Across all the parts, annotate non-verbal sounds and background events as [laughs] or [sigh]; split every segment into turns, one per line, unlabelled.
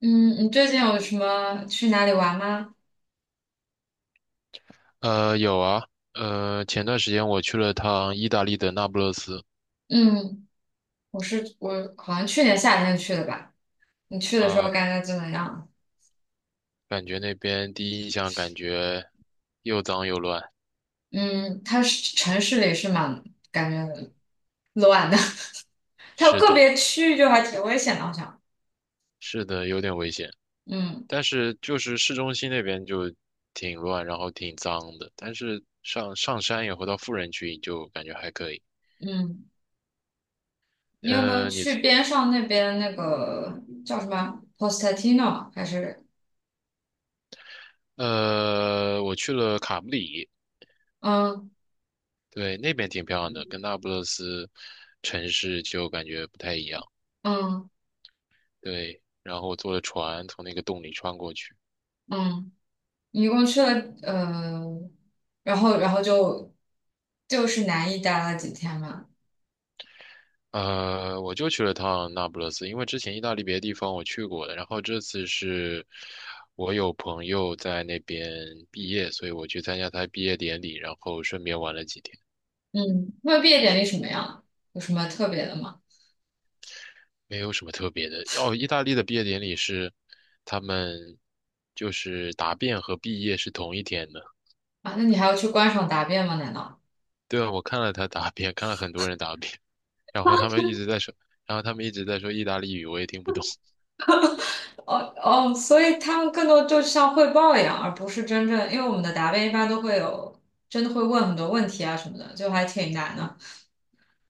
嗯，你最近有什么去哪里玩吗？
有啊，前段时间我去了趟意大利的那不勒斯，
嗯，我好像去年夏天去的吧。你去的时候
啊、
感觉怎么样？
感觉那边第一印象感觉又脏又乱，
嗯，它是城市里是蛮感觉乱的，[laughs] 它有
是
个
的，
别区域就还挺危险的，好像。
是的，有点危险，
嗯
但是就是市中心那边就挺乱，然后挺脏的，但是上山以后到富人区就感觉还可以。
嗯，你有没有
呃，你
去边上那边那个叫什么 p o s t a t i n o 还是
我去了卡布里，
嗯
对，那边挺漂亮的，跟那不勒斯城市就感觉不太一样。
嗯
对，然后坐了船从那个洞里穿过去。
嗯，你一共去了呃，然后就是南意待了几天嘛？
我就去了趟那不勒斯，因为之前意大利别的地方我去过的，然后这次是我有朋友在那边毕业，所以我去参加他毕业典礼，然后顺便玩了几天，
嗯，那毕业典礼什么样？有什么特别的吗？
没有什么特别的。哦，意大利的毕业典礼是他们，就是答辩和毕业是同一天的。
啊，那你还要去观赏答辩吗？难道？
对啊，我看了他答辩，看了很多人答辩，然后他们一直在说，然后他们一直在说意大利语，我也听不懂。
哦哦，所以他们更多就像汇报一样，而不是真正，因为我们的答辩一般都会有，真的会问很多问题啊什么的，就还挺难的。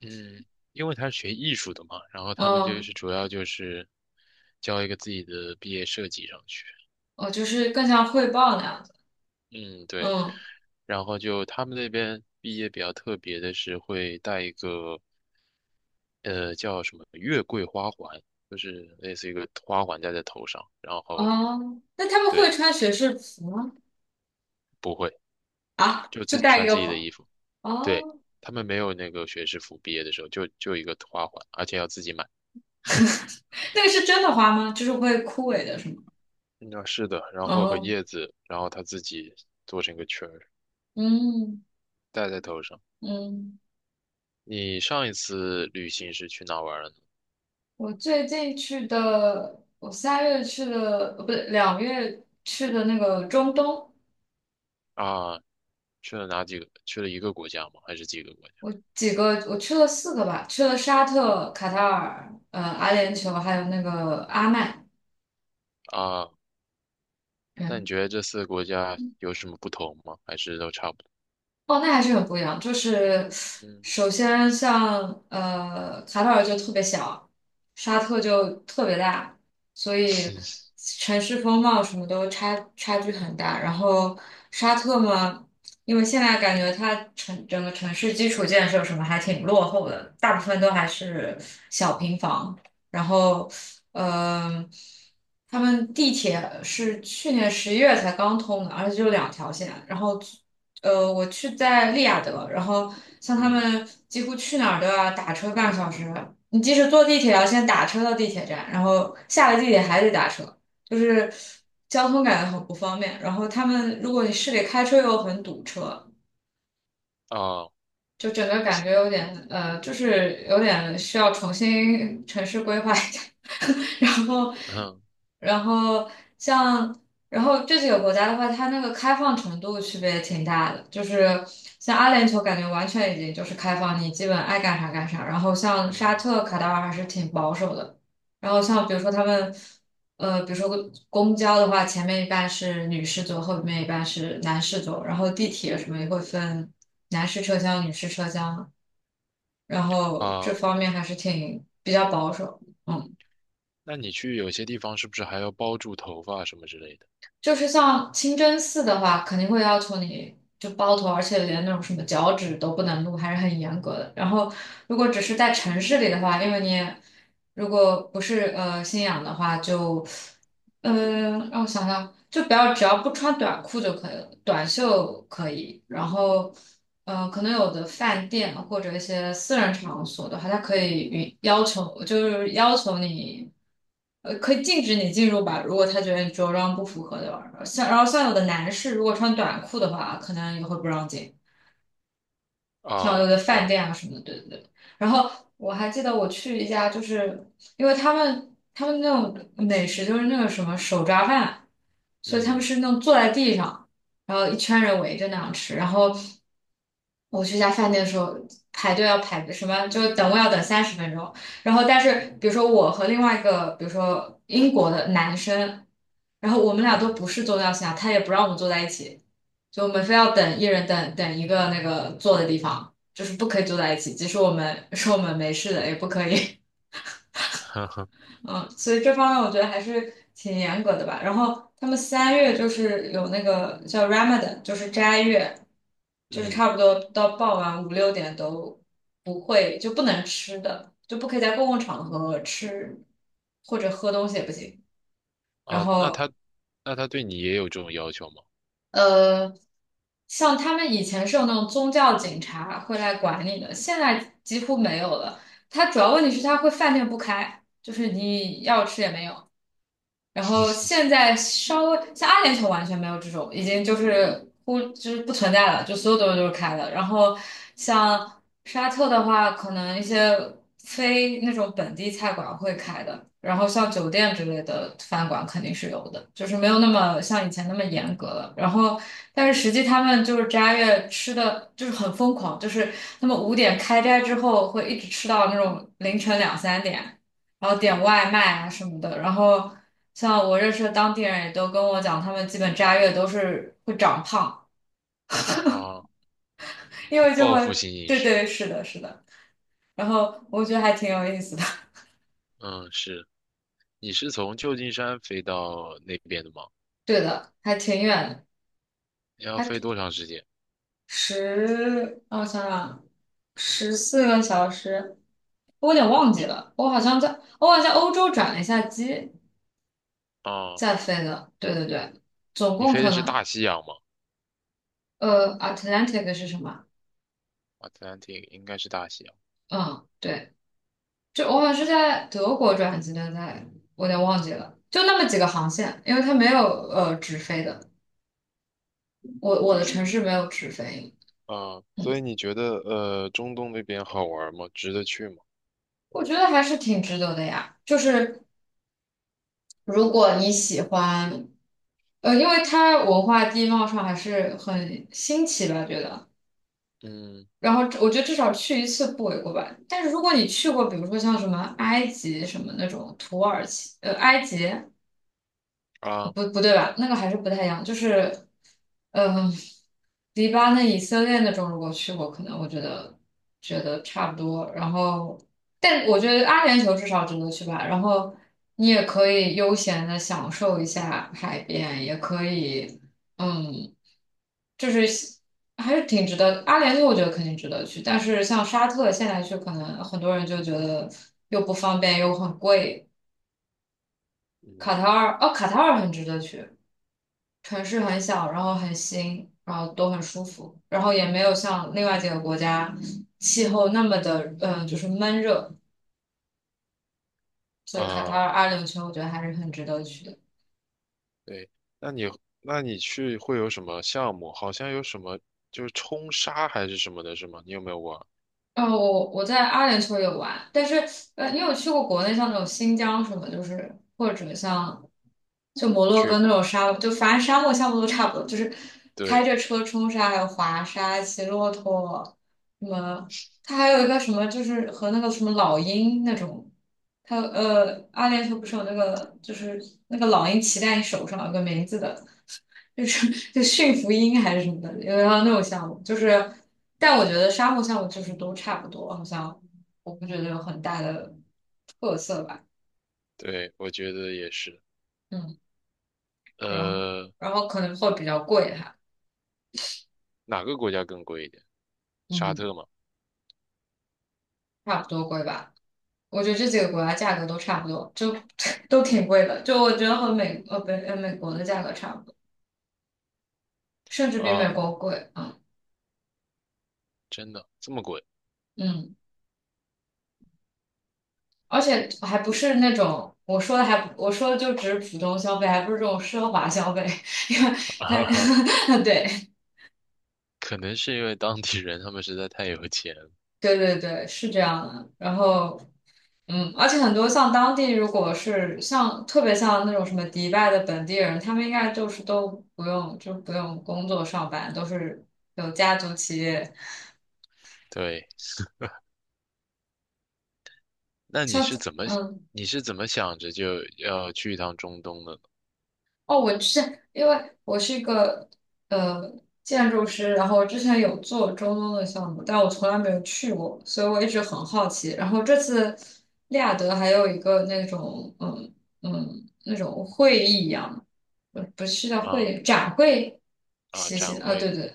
嗯，因为他是学艺术的嘛，然后他们就是
嗯，
主要就是交一个自己的毕业设计上去。
哦，就是更像汇报那样子。
嗯，对。
嗯，
然后就他们那边毕业比较特别的是会带一个叫什么月桂花环，就是类似一个花环戴在头上，然后
哦，那他们会
对，
穿学士服吗？
不会，
啊，
就
就
自
戴一
穿
个
自己的
花。
衣服。对，
哦，
他们没有那个学士服，毕业的时候就一个花环，而且要自己买。
那个是真的花吗？就是会枯萎的是吗？
嗯，是的，然后和
哦，
叶子，然后他自己做成一个圈儿。
嗯
戴在头上。
嗯。
你上一次旅行是去哪玩了呢？
我最近去的，我三月去的，不对，2月去的那个中东，
啊，去了哪几个？去了一个国家吗？还是几个国家？
我几个，我去了四个吧，去了沙特、卡塔尔、阿联酋，还有那个阿曼。
啊，那你觉得这四个国家有什么不同吗？还是都差不多？
哦，那还是很不一样。就是
嗯。
首先像卡塔尔就特别小，沙特就特别大，所以
[laughs]
城市风貌什么都差距很大。然后沙特嘛，因为现在感觉它整个城市基础建设什么还挺落后的，大部分都还是小平房。然后，嗯、他们地铁是去年11月才刚通的，而且就2条线，然后。我去在利雅得，然后像他
嗯
们几乎去哪儿都要打车半个小时，你即使坐地铁要先打车到地铁站，然后下了地铁还得打车，就是交通感觉很不方便。然后他们如果你市里开车又很堵车，
啊，
就整个感觉有点就是有点需要重新城市规划一下，[laughs] 然后，
嗯
然后像，然后这几个国家的话，它那个开放程度区别也挺大的，就是像阿联酋感觉完全已经就是开放，你基本爱干啥干啥，然后像沙
嗯
特、卡塔尔还是挺保守的，然后像比如说他们。比如说公交的话，前面一半是女士后男然地铁什么也会分。男士车厢、女士车厢啊然后这
啊，
方面还是挺比较保守。嗯，
那你去有些地方是不是还要包住头发什么之类的？
就是像清真寺的话，肯定会要求你就包头，而且连那种什么脚趾都不能露，还是很严格的。然后如果只是在城市里的话，因为你也如果不是信仰的话，就嗯，让我想想，就不要只要不穿短裤就可以了，短袖可以。然后，可能有的饭店啊或者一些私人场所的话，他可以允要求，就是要求你，可以禁止你进入吧。如果他觉得你着装不符合的话，像然后像有的男士如果穿短裤的话，可能也会不让进。像有
啊，
的
这
饭
样子。
店啊什么的，对对对。然后我还记得我去一家，就是因为他们那种美食就是那个什么手抓饭，所以他们
嗯
是那种坐在地上，然后一圈人围着那样吃。然后我去一家饭店的时候，排队要排什么，就等位要等30分钟。然后但是比如说我和另外一个，比如说英国的男生，然后我们俩都
嗯。
不是宗教信仰，他也不让我们坐在一起。就我们非要等一人等一个那个坐的地方，就是不可以坐在一起，即使我们说 [laughs] 我们没事的，也不可以。
[laughs] 呵呵，
[laughs] 嗯，所以这方面我觉得还是挺严格的吧。然后他们三月就是有那个叫 Ramadan,就是斋月，就是
嗯
差不多到傍晚5、6点都不会就不能吃的，就不可以在公共场合吃或者喝东西也不行。然
啊，那他
后
那他对你也有这种要求吗？
呃，像他们以前是有那种宗教警察会来管理的，现在几乎没有了。它主要问题是它会饭店不开，就是你要吃也没有。然后现在稍微像阿联酋完全没有这种，已经就是就是不存在了，就所有东西都是开的。然后像沙特的话，可能一些非那种本地菜馆会开的，然后像酒店之类的饭馆肯定是有的，就是没有那么像以前那么严格了。然后但是实际他们就是斋月吃的就是很疯狂，就是他们5点开斋之后会一直吃到那种凌晨2、3点。然后点外卖啊什么的。然后像我认识的当地人也都跟我讲，他们基本斋月都是会长胖，
啊，
因为就
报
会，
复性饮
对
食。
对，是的，是的。然后我觉得还挺有意思的，
嗯，是。你是从旧金山飞到那边的吗？
[laughs] 对的，还挺远的，
要
还
飞多长时间？
十，让我想想啊，14个小时，我有点忘记了，我好像在，我好像欧洲转了一下机
啊，
再飞的，对对对，总
你
共
飞
可
的是
能，
大西洋吗
Atlantic 是什么？
？Atlantic 应该是大西洋。
嗯。对。就我好像是
哦，
在德国转机的，在我有点忘记了，就那么几个航线，因为它没有
嗯，
直飞的，我的
是
城市没有直飞，
啊，所以
嗯，
你觉得中东那边好玩吗？值得去吗？
我觉得还是挺值得的呀。就是如果你喜欢，因为它文化地貌上还是很新奇吧，觉得。
嗯
然后我觉得至少去一次不为过吧。但是如果你去过，比如说像什么埃及什么那种土耳其，埃及。
啊，
不不对吧？那个还是不太一样，就是，嗯、迪巴那以色列那种，如果去过，可能我觉得觉得差不多。然后，但我觉得阿联酋至少值得去吧。然后你也可以悠闲的享受一下海边，也可以，嗯，就是还是挺值得。阿联酋我觉得肯定值得去，但是像沙特现在去，可能很多人就觉得又不方便又很贵。卡
嗯
塔尔，哦，卡塔尔很值得去。城市很小，然后很新，然后都很舒服，然后也没有像另外几个国家气候那么的，就是闷热，所以卡塔
啊，
尔阿联酋我觉得还是很值得去的。
对，那你那你去会有什么项目？好像有什么就是冲沙还是什么的，是吗？你有没有玩
哦，我在阿联酋有玩，但是你有去过国内像那种新疆什么，就是或者像就摩洛
去
哥那
过？
种沙漠，就反正沙漠项目都差不多，就是开
对
着车冲沙，还有滑沙、骑骆驼，什么，它还有一个什么，就是和那个什么老鹰那种，它阿联酋不是有那个就是那个老鹰骑在你手上有个名字的，就是就驯服鹰还是什么的，有要那种项目，就是，但我觉得沙漠项目就是都差不多，好像我不觉得有很大的特色吧，
对，我觉得也是。
嗯，然后
呃，
然后可能会比较贵哈，
哪个国家更贵一点？沙
嗯，
特吗？
差不多贵吧，我觉得这几个国家价格都差不多，就 [laughs] 都挺贵的，就我觉得和美呃不呃美国的价格差不多，甚至比美
啊，
国贵啊，
真的这么贵。
嗯。嗯而且还不是那种我说的还不我说的就只是普通消费，还不是这种奢华消费，[laughs] 因为
[laughs] 哈哈，
它 [laughs] 对
可能是因为当地人他们实在太有钱了。
对对对是这样的。然后嗯，而且很多像当地如果是像特别像那种什么迪拜的本地人，他们应该就是都不用工作上班，都是有家族企业，
对，那你
像
是怎么
嗯。
你是怎么想着就要去一趟中东的呢？
哦，我之前因为我是一个呃建筑师，然后之前有做中东的项目，但我从来没有去过，所以我一直很好奇。然后这次利雅得还有一个那种嗯嗯那种会议一样，不是叫会
啊
议展会，
啊，
谢
展
谢啊，对
会
对。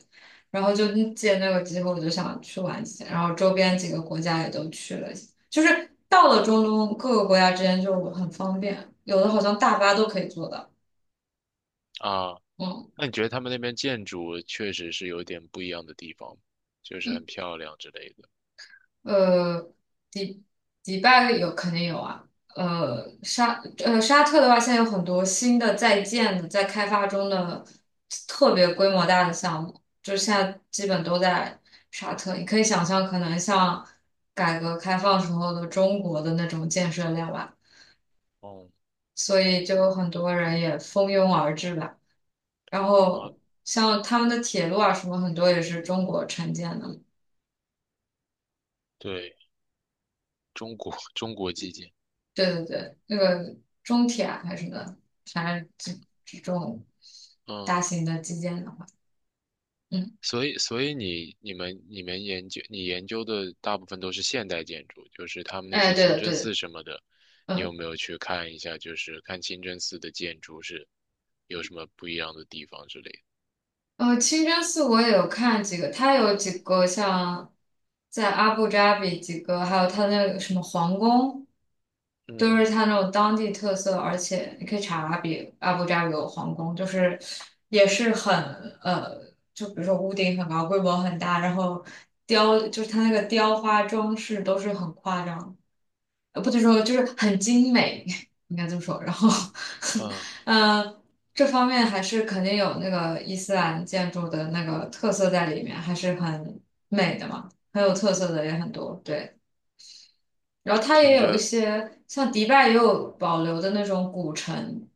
然后就嗯借那个机会，我就想去玩一下，然后周边几个国家也都去了一下就是到了中东各个国家之间就很方便，有的好像大巴都可以坐到。
啊，
嗯
那你觉得他们那边建筑确实是有点不一样的地方，就是很
嗯
漂亮之类的。
呃，迪迪拜有肯定有啊。沙特的话，现在有很多新的在建的、在开发中的特别规模大的项目，就是现在基本都在沙特。你可以想象，可能像改革开放时候的中国的那种建设量吧，
哦，
所以就有很多人也蜂拥而至吧。然
啊，
后像他们的铁路啊什么，很多也是中国承建的。
对，中国 [laughs] 中国基建，
对对对，那个中铁啊还是什么的，反正这这种大
嗯。
型的基建的话，嗯，
所以你研究的大部分都是现代建筑，就是他们那
哎，
些
对
清
的
真
对的，
寺什么的，你有
嗯。
没有去看一下？就是看清真寺的建筑是有什么不一样的地方之类的。
清真寺我也有看几个，它有几个像在阿布扎比几个，还有它那个什么皇宫，都
嗯
是它那种当地特色，而且你可以查阿布扎比有皇宫，就是也是很呃，就比如说屋顶很高，规模很大，然后雕就是它那个雕花装饰都是很夸张的。不能说就是很精美，[laughs] 应该这么说。然后，
嗯，
[laughs] 嗯，这方面还是肯定有那个伊斯兰建筑的那个特色在里面，还是很美的嘛，很有特色的也很多。对，然后它也
听
有一
着，
些像迪拜也有保留的那种古城，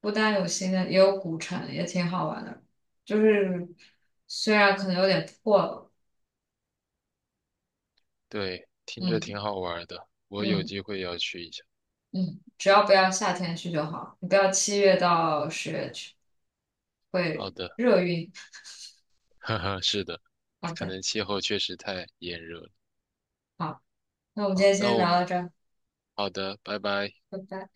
不单有新的，也有古城，也挺好玩的。就是虽然可能有点破了，
对，听着
嗯
挺好玩的，我有
嗯
机会要去一下。
嗯，只要不要夏天去就好，你不要7月到10月去。
好
会
的。[laughs]
热晕。
哈哈，是的，
好
可
的，
能气候确实太炎热了。
好，那我们今
好，
天
那
先
我
聊
们
到这儿，
好的，拜拜。
拜拜。